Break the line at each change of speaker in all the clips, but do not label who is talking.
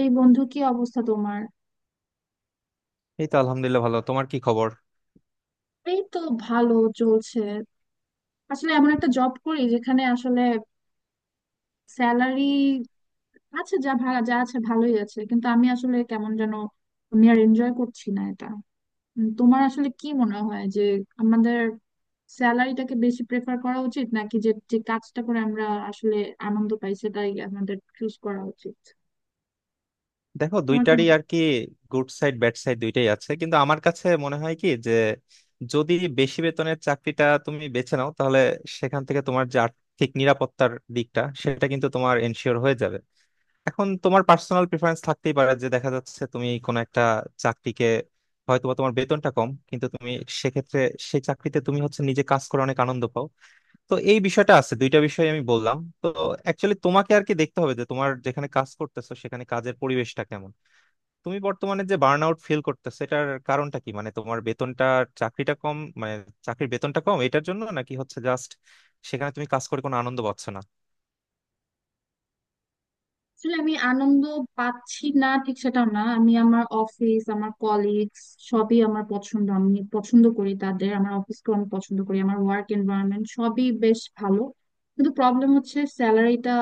এই বন্ধু, কি অবস্থা তোমার?
এই তো আলহামদুলিল্লাহ, ভালো। তোমার কি খবর?
এই তো, ভালো, চলছে। আসলে এমন একটা জব করি যেখানে আসলে স্যালারি আছে, যা ভাড়া যা আছে ভালোই আছে, কিন্তু আমি আসলে কেমন যেন, আমি আর এনজয় করছি না এটা। তোমার আসলে কি মনে হয় যে আমাদের স্যালারিটাকে বেশি প্রেফার করা উচিত, নাকি যে যে কাজটা করে আমরা আসলে আনন্দ পাই সেটাই আমাদের চুজ করা উচিত?
দেখো,
তোমার কি?
দুইটারই আর কি গুড সাইড ব্যাড সাইড দুইটাই আছে, কিন্তু আমার কাছে মনে হয় কি যে যদি বেশি বেতনের চাকরিটা তুমি বেছে নাও, তাহলে সেখান থেকে তোমার যে আর্থিক নিরাপত্তার দিকটা সেটা কিন্তু তোমার এনশিওর হয়ে যাবে। এখন তোমার পার্সোনাল প্রিফারেন্স থাকতেই পারে যে দেখা যাচ্ছে তুমি কোনো একটা চাকরিকে হয়তোবা তোমার বেতনটা কম, কিন্তু তুমি সেক্ষেত্রে সেই চাকরিতে তুমি হচ্ছে নিজে কাজ করে অনেক আনন্দ পাও। তো এই বিষয়টা আছে, দুইটা বিষয় আমি বললাম তো। অ্যাকচুয়ালি তোমাকে আর কি দেখতে হবে যে তোমার যেখানে কাজ করতেছো সেখানে কাজের পরিবেশটা কেমন। তুমি বর্তমানে যে বার্ন আউট ফিল করতেছো এটার কারণটা কি, মানে তোমার বেতনটা চাকরিটা কম, মানে চাকরির বেতনটা কম এটার জন্য, নাকি হচ্ছে জাস্ট সেখানে তুমি কাজ করে কোনো আনন্দ পাচ্ছ না।
আসলে আমি আনন্দ পাচ্ছি না ঠিক সেটা না, আমি আমার অফিস, আমার কলিগস, সবই আমার পছন্দ, আমি পছন্দ করি তাদের, আমার অফিসকে আমি পছন্দ করি, আমার ওয়ার্ক এনভায়রনমেন্ট সবই বেশ ভালো। কিন্তু প্রবলেম হচ্ছে স্যালারিটা,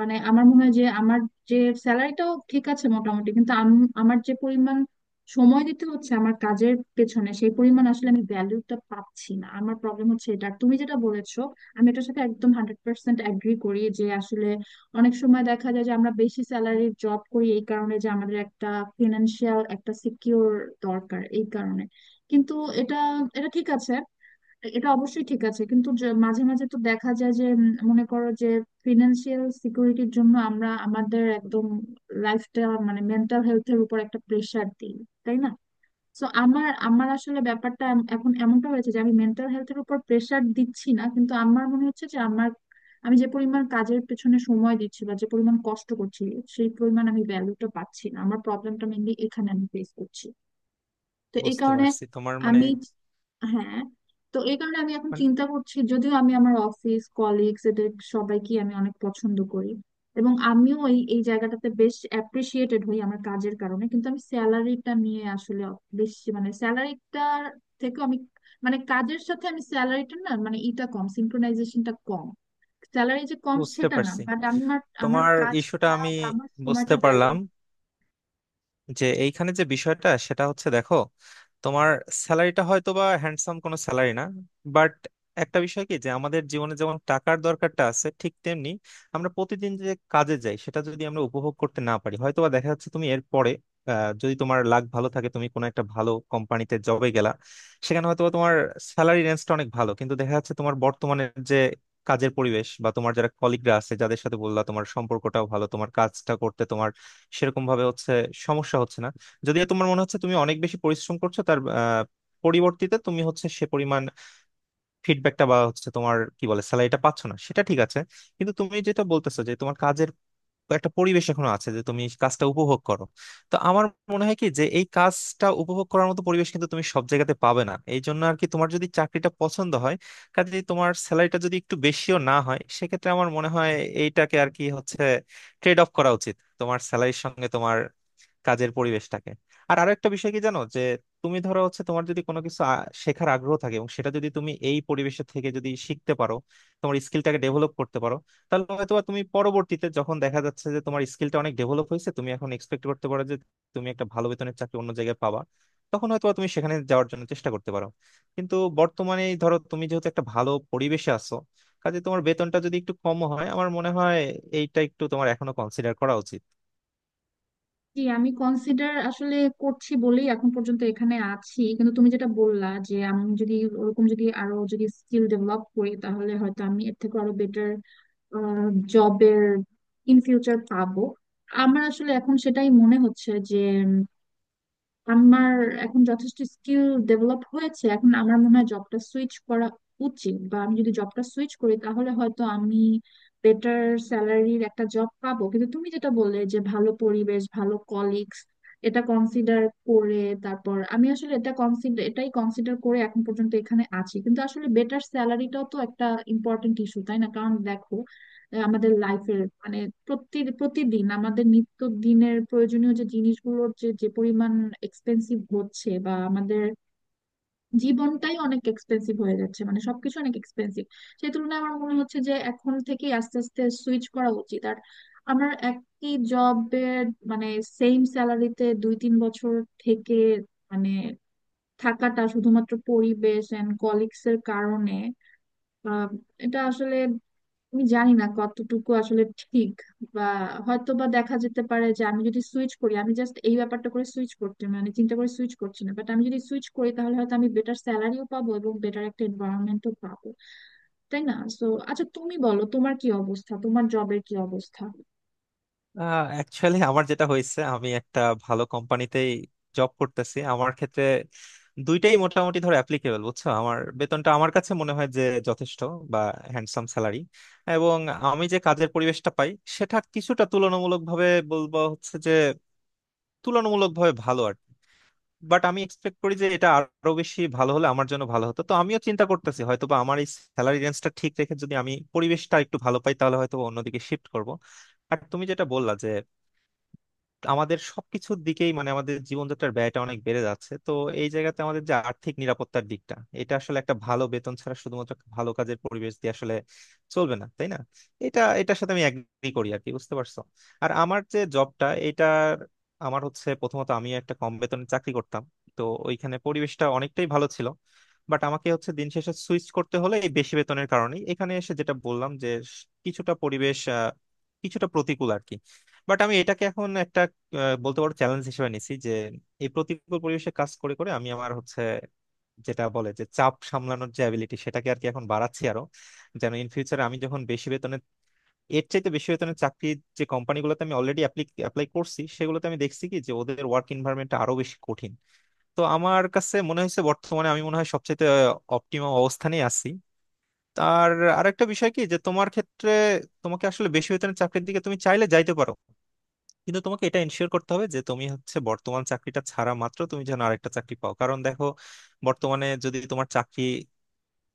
মানে আমার মনে হয় যে আমার যে স্যালারিটাও ঠিক আছে মোটামুটি, কিন্তু আমার যে পরিমাণ সময় দিতে হচ্ছে আমার কাজের পেছনে সেই পরিমাণ আসলে আমি ভ্যালুটা পাচ্ছি না, আমার প্রবলেম হচ্ছে এটা। আর তুমি যেটা বলেছো, আমি এটার সাথে একদম 100% অ্যাগ্রি করি যে আসলে অনেক সময় দেখা যায় যে আমরা বেশি স্যালারির জব করি এই কারণে যে আমাদের একটা ফিনান্সিয়াল একটা সিকিউর দরকার এই কারণে। কিন্তু এটা এটা ঠিক আছে, এটা অবশ্যই ঠিক আছে, কিন্তু যে মাঝে মাঝে তো দেখা যায় যে, মনে করো যে ফিনান্সিয়াল সিকিউরিটির জন্য আমরা আমাদের একদম লাইফটা, মানে মেন্টাল হেলথের উপর একটা প্রেশার দিই, তাই না? তো আমার আমার আসলে ব্যাপারটা এখন এমনটা হয়েছে যে আমি মেন্টাল হেলথের উপর প্রেসার দিচ্ছি না, কিন্তু আমার মনে হচ্ছে যে আমার, আমি যে পরিমাণ কাজের পেছনে সময় দিচ্ছি বা যে পরিমাণ কষ্ট করছি সেই পরিমাণ আমি ভ্যালুটা পাচ্ছি না, আমার প্রবলেমটা মেনলি এখানে আমি ফেস করছি। তো এই
বুঝতে
কারণে
পারছি তোমার মানে
আমি, হ্যাঁ, তো এই কারণে আমি এখন
মানে
চিন্তা করছি, যদিও আমি আমার অফিস কলিগস এদের সবাইকে আমি অনেক পছন্দ করি এবং আমিও এই এই জায়গাটাতে বেশ অ্যাপ্রিসিয়েটেড হই আমার কাজের কারণে, কিন্তু আমি স্যালারিটা নিয়ে আসলে বেশি, মানে স্যালারিটার থেকে আমি, মানে কাজের সাথে আমি স্যালারিটা না, মানে ইটা কম, সিনক্রোনাইজেশনটা কম, স্যালারি যে কম
বুঝতে
সেটা না,
পারছি,
বাট আমার আমার
তোমার ইস্যুটা
কাজটা
আমি
বা আমার
বুঝতে
সময়টা ভ্যালু।
পারলাম। যে এইখানে যে বিষয়টা সেটা হচ্ছে, দেখো তোমার স্যালারিটা হয়তো বা হ্যান্ডসাম কোনো স্যালারি না, বাট একটা বিষয় কি যে আমাদের জীবনে যেমন টাকার দরকারটা আছে, ঠিক তেমনি আমরা প্রতিদিন যে কাজে যাই সেটা যদি আমরা উপভোগ করতে না পারি, হয়তো বা দেখা যাচ্ছে তুমি এর পরে যদি তোমার লাক ভালো থাকে তুমি কোনো একটা ভালো কোম্পানিতে জবে গেলা, সেখানে হয়তোবা তোমার স্যালারি রেঞ্জটা অনেক ভালো, কিন্তু দেখা যাচ্ছে তোমার বর্তমানে যে কাজের পরিবেশ বা তোমার যারা কলিগরা আছে যাদের সাথে বললা তোমার সম্পর্কটাও ভালো, তোমার কাজটা করতে তোমার সেরকম ভাবে হচ্ছে সমস্যা হচ্ছে না। যদিও তোমার মনে হচ্ছে তুমি অনেক বেশি পরিশ্রম করছো, তার পরিবর্তিতে তুমি হচ্ছে সে পরিমাণ ফিডব্যাকটা বা হচ্ছে তোমার কি বলে স্যালারিটা পাচ্ছ না, সেটা ঠিক আছে। কিন্তু তুমি যেটা বলতেছো যে তোমার কাজের একটা পরিবেশ এখনো আছে যে তুমি কাজটা উপভোগ করো। তো আমার মনে হয় কি যে এই কাজটা উপভোগ করার মতো পরিবেশ কিন্তু তুমি সব জায়গাতে পাবে না, এই জন্য আর কি তোমার যদি চাকরিটা পছন্দ হয় কাজে, তোমার স্যালারিটা যদি একটু বেশিও না হয়, সেক্ষেত্রে আমার মনে হয় এইটাকে আর কি হচ্ছে ট্রেড অফ করা উচিত, তোমার স্যালারির সঙ্গে তোমার কাজের পরিবেশটাকে। আর আরো একটা বিষয় কি জানো, যে তুমি ধরো হচ্ছে তোমার যদি কোনো কিছু শেখার আগ্রহ থাকে এবং সেটা যদি তুমি এই পরিবেশে থেকে যদি শিখতে পারো, তোমার স্কিলটাকে ডেভেলপ করতে পারো, তাহলে হয়তো বা তুমি পরবর্তীতে যখন দেখা যাচ্ছে যে তোমার স্কিলটা অনেক ডেভেলপ হয়েছে, তুমি এখন এক্সপেক্ট করতে পারো যে তুমি একটা ভালো বেতনের চাকরি অন্য জায়গায় পাবা। তখন হয়তো বা তুমি সেখানে যাওয়ার জন্য চেষ্টা করতে পারো। কিন্তু বর্তমানে এই ধরো তুমি যেহেতু একটা ভালো পরিবেশে আছো কাজে, তোমার বেতনটা যদি একটু কম হয় আমার মনে হয় এইটা একটু তোমার এখনো কনসিডার করা উচিত।
জি, আমি কনসিডার আসলে করছি বলেই এখন পর্যন্ত এখানে আছি, কিন্তু তুমি যেটা বললা যে আমি যদি ওরকম যদি আরো যদি স্কিল ডেভেলপ করি তাহলে হয়তো আমি এর থেকে আরো বেটার জবের ইন ফিউচার পাবো। আমার আসলে এখন সেটাই মনে হচ্ছে যে আমার এখন যথেষ্ট স্কিল ডেভেলপ হয়েছে, এখন আমার মনে হয় জবটা সুইচ করা উচিত, বা আমি যদি জবটা সুইচ করি তাহলে হয়তো আমি বেটার স্যালারির একটা জব পাবো। কিন্তু তুমি যেটা বললে যে ভালো পরিবেশ ভালো কলিগস, এটা কনসিডার করে তারপর আমি আসলে এটা কনসিডার, এটাই কনসিডার করে এখন পর্যন্ত এখানে আছি, কিন্তু আসলে বেটার স্যালারিটাও তো একটা ইম্পর্টেন্ট ইস্যু, তাই না? কারণ দেখো, আমাদের লাইফের, মানে প্রতিদিন আমাদের নিত্য দিনের প্রয়োজনীয় যে জিনিসগুলোর যে যে পরিমাণ এক্সপেন্সিভ হচ্ছে বা আমাদের জীবনটাই অনেক এক্সপেন্সিভ হয়ে যাচ্ছে, মানে সবকিছু অনেক এক্সপেন্সিভ। সেই তুলনায় আমার মনে হচ্ছে যে এখন থেকে আস্তে আস্তে সুইচ করা উচিত, আর আমার একই জবের, মানে সেম স্যালারিতে 2-3 বছর থেকে, মানে থাকাটা শুধুমাত্র পরিবেশ এন্ড কলিগস এর কারণে, আহ, এটা আসলে আমি জানি না কতটুকু আসলে ঠিক, বা হয়তো বা দেখা যেতে পারে যে আমি যদি সুইচ করি, আমি জাস্ট এই ব্যাপারটা করে সুইচ করতে, মানে চিন্তা করে সুইচ করছি না, বাট আমি যদি সুইচ করি তাহলে হয়তো আমি বেটার স্যালারিও পাবো এবং বেটার একটা এনভায়রনমেন্টও পাবো, তাই না? সো আচ্ছা, তুমি বলো তোমার কি অবস্থা, তোমার জবের কি অবস্থা?
অ্যাকচুয়ালি আমার যেটা হয়েছে, আমি একটা ভালো কোম্পানিতেই জব করতেছি। আমার ক্ষেত্রে দুইটাই মোটামুটি ধর অ্যাপ্লিকেবল, বুঝছো? আমার বেতনটা আমার কাছে মনে হয় যে যথেষ্ট বা হ্যান্ডসাম স্যালারি, এবং আমি যে কাজের পরিবেশটা পাই সেটা কিছুটা তুলনামূলকভাবে বলবো হচ্ছে যে তুলনামূলকভাবে ভালো আর কি। বাট আমি এক্সপেক্ট করি যে এটা আরো বেশি ভালো হলে আমার জন্য ভালো হতো। তো আমিও চিন্তা করতেছি হয়তোবা আমার এই স্যালারি রেঞ্জটা ঠিক রেখে যদি আমি পরিবেশটা একটু ভালো পাই তাহলে হয়তো অন্যদিকে শিফট করব। আর তুমি যেটা বললা যে আমাদের সবকিছুর দিকেই মানে আমাদের জীবনযাত্রার ব্যয়টা অনেক বেড়ে যাচ্ছে, তো এই জায়গাতে আমাদের যে আর্থিক নিরাপত্তার দিকটা এটা আসলে একটা ভালো বেতন ছাড়া শুধুমাত্র একটা ভালো কাজের পরিবেশ দিয়ে আসলে চলবে না, তাই না? এটা, এটার সাথে আমি এগ্রি করি আর কি, বুঝতে পারছো? আর আমার যে জবটা এটার, আমার হচ্ছে প্রথমত আমি একটা কম বেতনে চাকরি করতাম। তো ওইখানে পরিবেশটা অনেকটাই ভালো ছিল, বাট আমাকে হচ্ছে দিন শেষে সুইচ করতে হলে এই বেশি বেতনের কারণেই এখানে এসে, যেটা বললাম যে কিছুটা পরিবেশ কিছুটা প্রতিকূল আর কি। বাট আমি এটাকে এখন একটা বলতে পারো চ্যালেঞ্জ হিসেবে নিছি, যে এই প্রতিকূল পরিবেশে কাজ করে করে আমি আমার হচ্ছে যেটা বলে যে চাপ সামলানোর যে অ্যাবিলিটি সেটাকে আর কি এখন বাড়াচ্ছি আরো, যেন ইন ফিউচারে আমি যখন বেশি বেতনে এর চাইতে বেশি বেতনের চাকরি, যে কোম্পানিগুলোতে আমি অলরেডি অ্যাপ্লাই করছি সেগুলোতে আমি দেখছি কি যে ওদের ওয়ার্ক এনভায়রনমেন্টটা আরো বেশি কঠিন। তো আমার কাছে মনে হয়েছে বর্তমানে আমি মনে হয় সবচেয়ে অপটিমাম অবস্থানে আছি। তার আরেকটা বিষয় কি যে তোমার ক্ষেত্রে তোমাকে আসলে বেশি বেতনের চাকরির দিকে তুমি চাইলে যাইতে পারো, কিন্তু তোমাকে এটা এনশিওর করতে হবে যে তুমি হচ্ছে বর্তমান চাকরিটা ছাড়া মাত্র তুমি যেন আরেকটা চাকরি পাও, কারণ দেখো বর্তমানে যদি তোমার চাকরি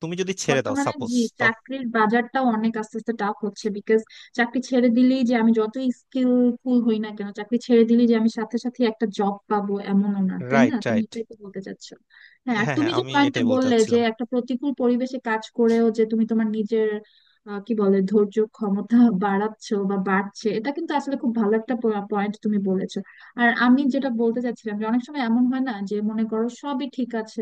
তুমি যদি ছেড়ে দাও
বর্তমানে,
সাপোজ
জি,
তো।
চাকরির বাজারটা অনেক আস্তে আস্তে টাফ হচ্ছে, বিকজ চাকরি ছেড়ে দিলেই যে আমি যত স্কিলফুল হই না কেন, চাকরি ছেড়ে দিলেই যে আমি সাথে সাথে একটা জব পাবো এমনও না, তাই না?
রাইট
তুমি
রাইট
এটাই তো বলতে চাচ্ছ? হ্যাঁ, আর
হ্যাঁ
তুমি
হ্যাঁ
যে
আমি
পয়েন্টটা
এটাই বলতে
বললে যে
চাচ্ছিলাম।
একটা প্রতিকূল পরিবেশে কাজ করেও যে তুমি তোমার নিজের, কি বলে, ধৈর্য ক্ষমতা বাড়াচ্ছো বা বাড়ছে, এটা কিন্তু আসলে খুব ভালো একটা পয়েন্ট তুমি বলেছো। আর আমি যেটা বলতে চাচ্ছিলাম যে অনেক সময় এমন হয় না যে, মনে করো সবই ঠিক আছে,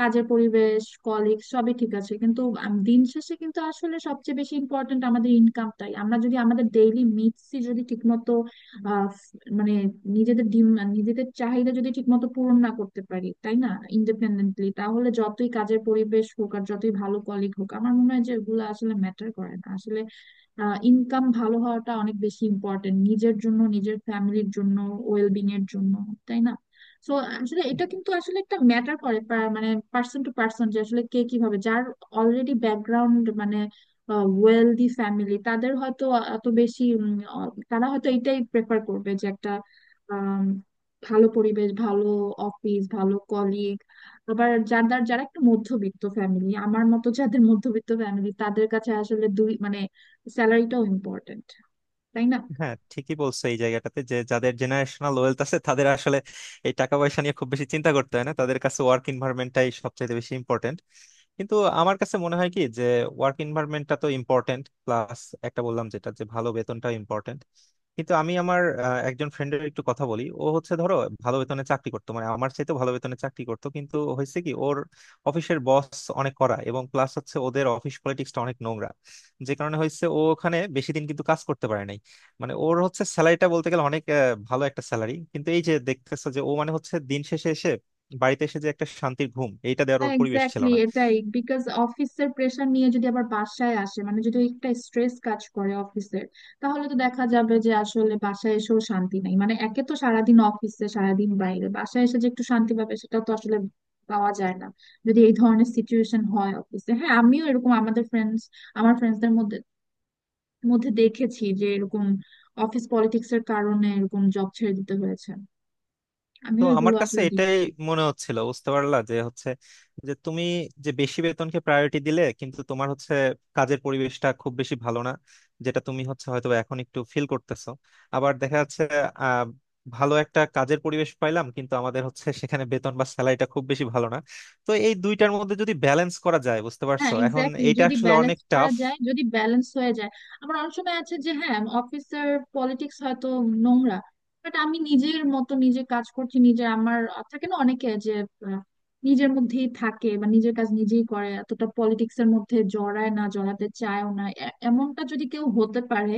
কাজের পরিবেশ কলিগ সবই ঠিক আছে, কিন্তু দিন শেষে কিন্তু আসলে সবচেয়ে বেশি ইম্পর্ট্যান্ট আমাদের ইনকামটাই, আমরা যদি আমাদের ডেইলি নিডসই যদি ঠিকমতো, আহ, মানে নিজেদের নিজেদের চাহিদা যদি ঠিকমতো পূরণ না করতে পারি, তাই না? ইন্ডিপেন্ডেন্টলি, তাহলে যতই কাজের পরিবেশ হোক আর যতই ভালো কলিগ হোক, আমার মনে হয় যে এগুলো আসলে ম্যাটার করে না আসলে। ইনকাম ভালো হওয়াটা অনেক বেশি ইম্পর্টেন্ট, নিজের জন্য নিজের ফ্যামিলির জন্য ওয়েলবিং এর জন্য, তাই না? তো আসলে এটা কিন্তু আসলে একটা ম্যাটার করে মানে পার্সন টু পার্সন, যে আসলে কে কিভাবে, যার অলরেডি ব্যাকগ্রাউন্ড মানে ওয়েলদি ফ্যামিলি, তাদের হয়তো এত বেশি তারা হয়তো এটাই প্রেফার করবে যে একটা আম, ভালো পরিবেশ, ভালো অফিস, ভালো কলিগ। আবার যারা যারা একটু মধ্যবিত্ত ফ্যামিলি, আমার মতো যাদের মধ্যবিত্ত ফ্যামিলি, তাদের কাছে আসলে দুই, মানে স্যালারিটাও ইম্পর্টেন্ট, তাই না?
হ্যাঁ, ঠিকই বলছো। এই জায়গাটাতে যে যাদের জেনারেশনাল ওয়েলথ আছে তাদের আসলে এই টাকা পয়সা নিয়ে খুব বেশি চিন্তা করতে হয় না, তাদের কাছে ওয়ার্ক এনভায়রনমেন্টটাই সবচেয়ে বেশি ইম্পর্টেন্ট। কিন্তু আমার কাছে মনে হয় কি যে ওয়ার্ক এনভায়রনমেন্টটা তো ইম্পর্টেন্ট প্লাস একটা বললাম যেটা যে ভালো বেতনটা ইম্পর্টেন্ট। কিন্তু আমি আমার একজন ফ্রেন্ডের একটু কথা বলি, ও হচ্ছে ধরো ভালো বেতনে চাকরি করতো, মানে আমার চাইতে ভালো বেতনে চাকরি করতো, কিন্তু হয়েছে কি ওর অফিসের বস অনেক কড়া এবং প্লাস হচ্ছে ওদের অফিস পলিটিক্সটা অনেক নোংরা, যে কারণে হয়েছে ও ওখানে বেশি দিন কিন্তু কাজ করতে পারে না। মানে ওর হচ্ছে স্যালারিটা বলতে গেলে অনেক ভালো একটা স্যালারি, কিন্তু এই যে দেখতেছো যে ও মানে হচ্ছে দিন শেষে এসে বাড়িতে এসে যে একটা শান্তির ঘুম এইটা দেওয়ার ওর পরিবেশ ছিল
এক্স্যাক্টলি
না।
এটাই। বিকজ অফিসের প্রেশার নিয়ে যদি আবার বাসায় আসে, মানে যদি একটা স্ট্রেস কাজ করে অফিসের, তাহলে তো দেখা যাবে যে আসলে বাসায় এসেও শান্তি নাই, মানে একে তো সারাদিন অফিসে, সারাদিন বাইরে, বাসায় এসে যে একটু শান্তি পাবে সেটা তো আসলে পাওয়া যায় না যদি এই ধরনের সিচুয়েশন হয় অফিসে। হ্যাঁ, আমিও এরকম আমাদের ফ্রেন্ডস, আমার ফ্রেন্ডসদের মধ্যে মধ্যে দেখেছি যে এরকম অফিস পলিটিক্স এর কারণে এরকম জব ছেড়ে দিতে হয়েছে,
তো
আমিও
আমার
এগুলো
কাছে
আসলে।
এটাই মনে হচ্ছিল, বুঝতে পারলা? যে হচ্ছে যে তুমি যে বেশি বেতনকে প্রায়োরিটি দিলে কিন্তু তোমার হচ্ছে কাজের পরিবেশটা খুব বেশি ভালো না, যেটা তুমি হচ্ছে হয়তো এখন একটু ফিল করতেছো। আবার দেখা যাচ্ছে আহ, ভালো একটা কাজের পরিবেশ পাইলাম কিন্তু আমাদের হচ্ছে সেখানে বেতন বা স্যালারিটা খুব বেশি ভালো না। তো এই দুইটার মধ্যে যদি ব্যালেন্স করা যায় বুঝতে
হ্যাঁ
পারছো, এখন
এক্স্যাক্টলি,
এইটা
যদি
আসলে অনেক
ব্যালেন্স করা
টাফ।
যায়, যদি ব্যালেন্স হয়ে যায়। আমার অনেক সময় আছে যে, হ্যাঁ অফিসের পলিটিক্স হয়তো নোংরা, বাট আমি নিজের মতো নিজে কাজ করছি, নিজের আমার থাকে না। অনেকে যে আহ, নিজের মধ্যেই থাকে বা নিজের কাজ নিজেই করে, এতটা পলিটিক্স এর মধ্যে জড়ায় না জড়াতে চায়ও না, এমনটা যদি কেউ হতে পারে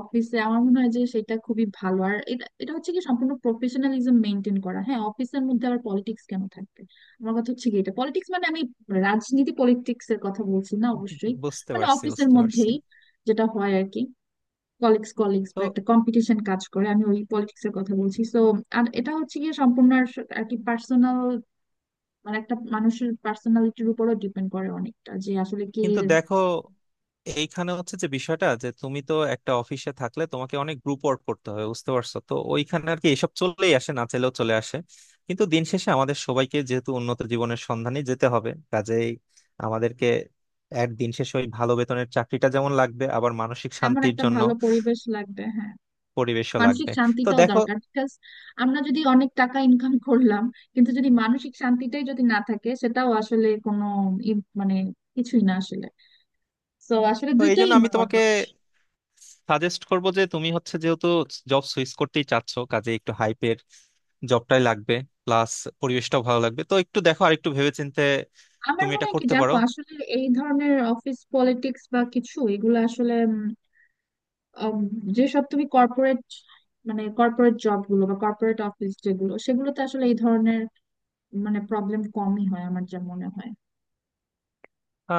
অফিসে, আমার মনে হয় যে সেটা খুবই ভালো। আর এটা এটা হচ্ছে কি সম্পূর্ণ প্রফেশনালিজম মেনটেন করা, হ্যাঁ। অফিসের মধ্যে আবার পলিটিক্স কেন থাকবে? আমার কথা হচ্ছে কি, এটা পলিটিক্স মানে আমি রাজনীতি পলিটিক্স এর কথা বলছি না, অবশ্যই।
বুঝতে
মানে
পারছি
অফিসের
বুঝতে পারছি
মধ্যেই যেটা হয় আর কি, কলিগস কলিগস
তো
বা একটা কম্পিটিশন কাজ করে, আমি ওই পলিটিক্স এর কথা বলছি, সো আর এটা হচ্ছে গিয়ে সম্পূর্ণ আর আর কি পার্সোনাল, মানে একটা মানুষের পার্সোনালিটির উপরও ডিপেন্ড করে অনেকটা যে আসলে কে।
কিন্তু দেখো এইখানে হচ্ছে যে বিষয়টা যে তুমি তো একটা অফিসে থাকলে তোমাকে অনেক গ্রুপ ওয়ার্ক করতে হয় বুঝতে পারছো, তো ওইখানে আর কি এসব চলেই আসে, না চাইলেও চলে আসে। কিন্তু দিন শেষে আমাদের সবাইকে যেহেতু উন্নত জীবনের সন্ধানে যেতে হবে, কাজেই আমাদেরকে এক দিন শেষে ওই ভালো বেতনের চাকরিটা যেমন লাগবে, আবার মানসিক
এমন
শান্তির
একটা
জন্য
ভালো পরিবেশ লাগবে, হ্যাঁ।
পরিবেশও
মানসিক
লাগবে। তো
শান্তিটাও
দেখো,
দরকার, বিকজ আমরা যদি অনেক টাকা ইনকাম করলাম কিন্তু যদি মানসিক শান্তিটাই যদি না থাকে, সেটাও আসলে কোনো মানে কিছুই না আসলে। তো আসলে
তো এই
দুইটাই
জন্য আমি তোমাকে
ইম্পর্টেন্ট।
সাজেস্ট করব যে তুমি হচ্ছে যেহেতু জব সুইচ করতেই চাচ্ছ কাজে একটু হাইপের জবটাই লাগবে, প্লাস পরিবেশটাও ভালো লাগবে। তো একটু দেখো আর একটু ভেবেচিন্তে
আমার
তুমি
মনে
এটা
হয় কি
করতে
জানো,
পারো।
আসলে এই ধরনের অফিস পলিটিক্স বা কিছু এগুলো আসলে আম, যেসব তুমি কর্পোরেট, মানে কর্পোরেট জব গুলো বা কর্পোরেট অফিস যেগুলো, সেগুলোতে আসলে এই ধরনের মানে প্রবলেম কমই হয়, আমার যা মনে হয়।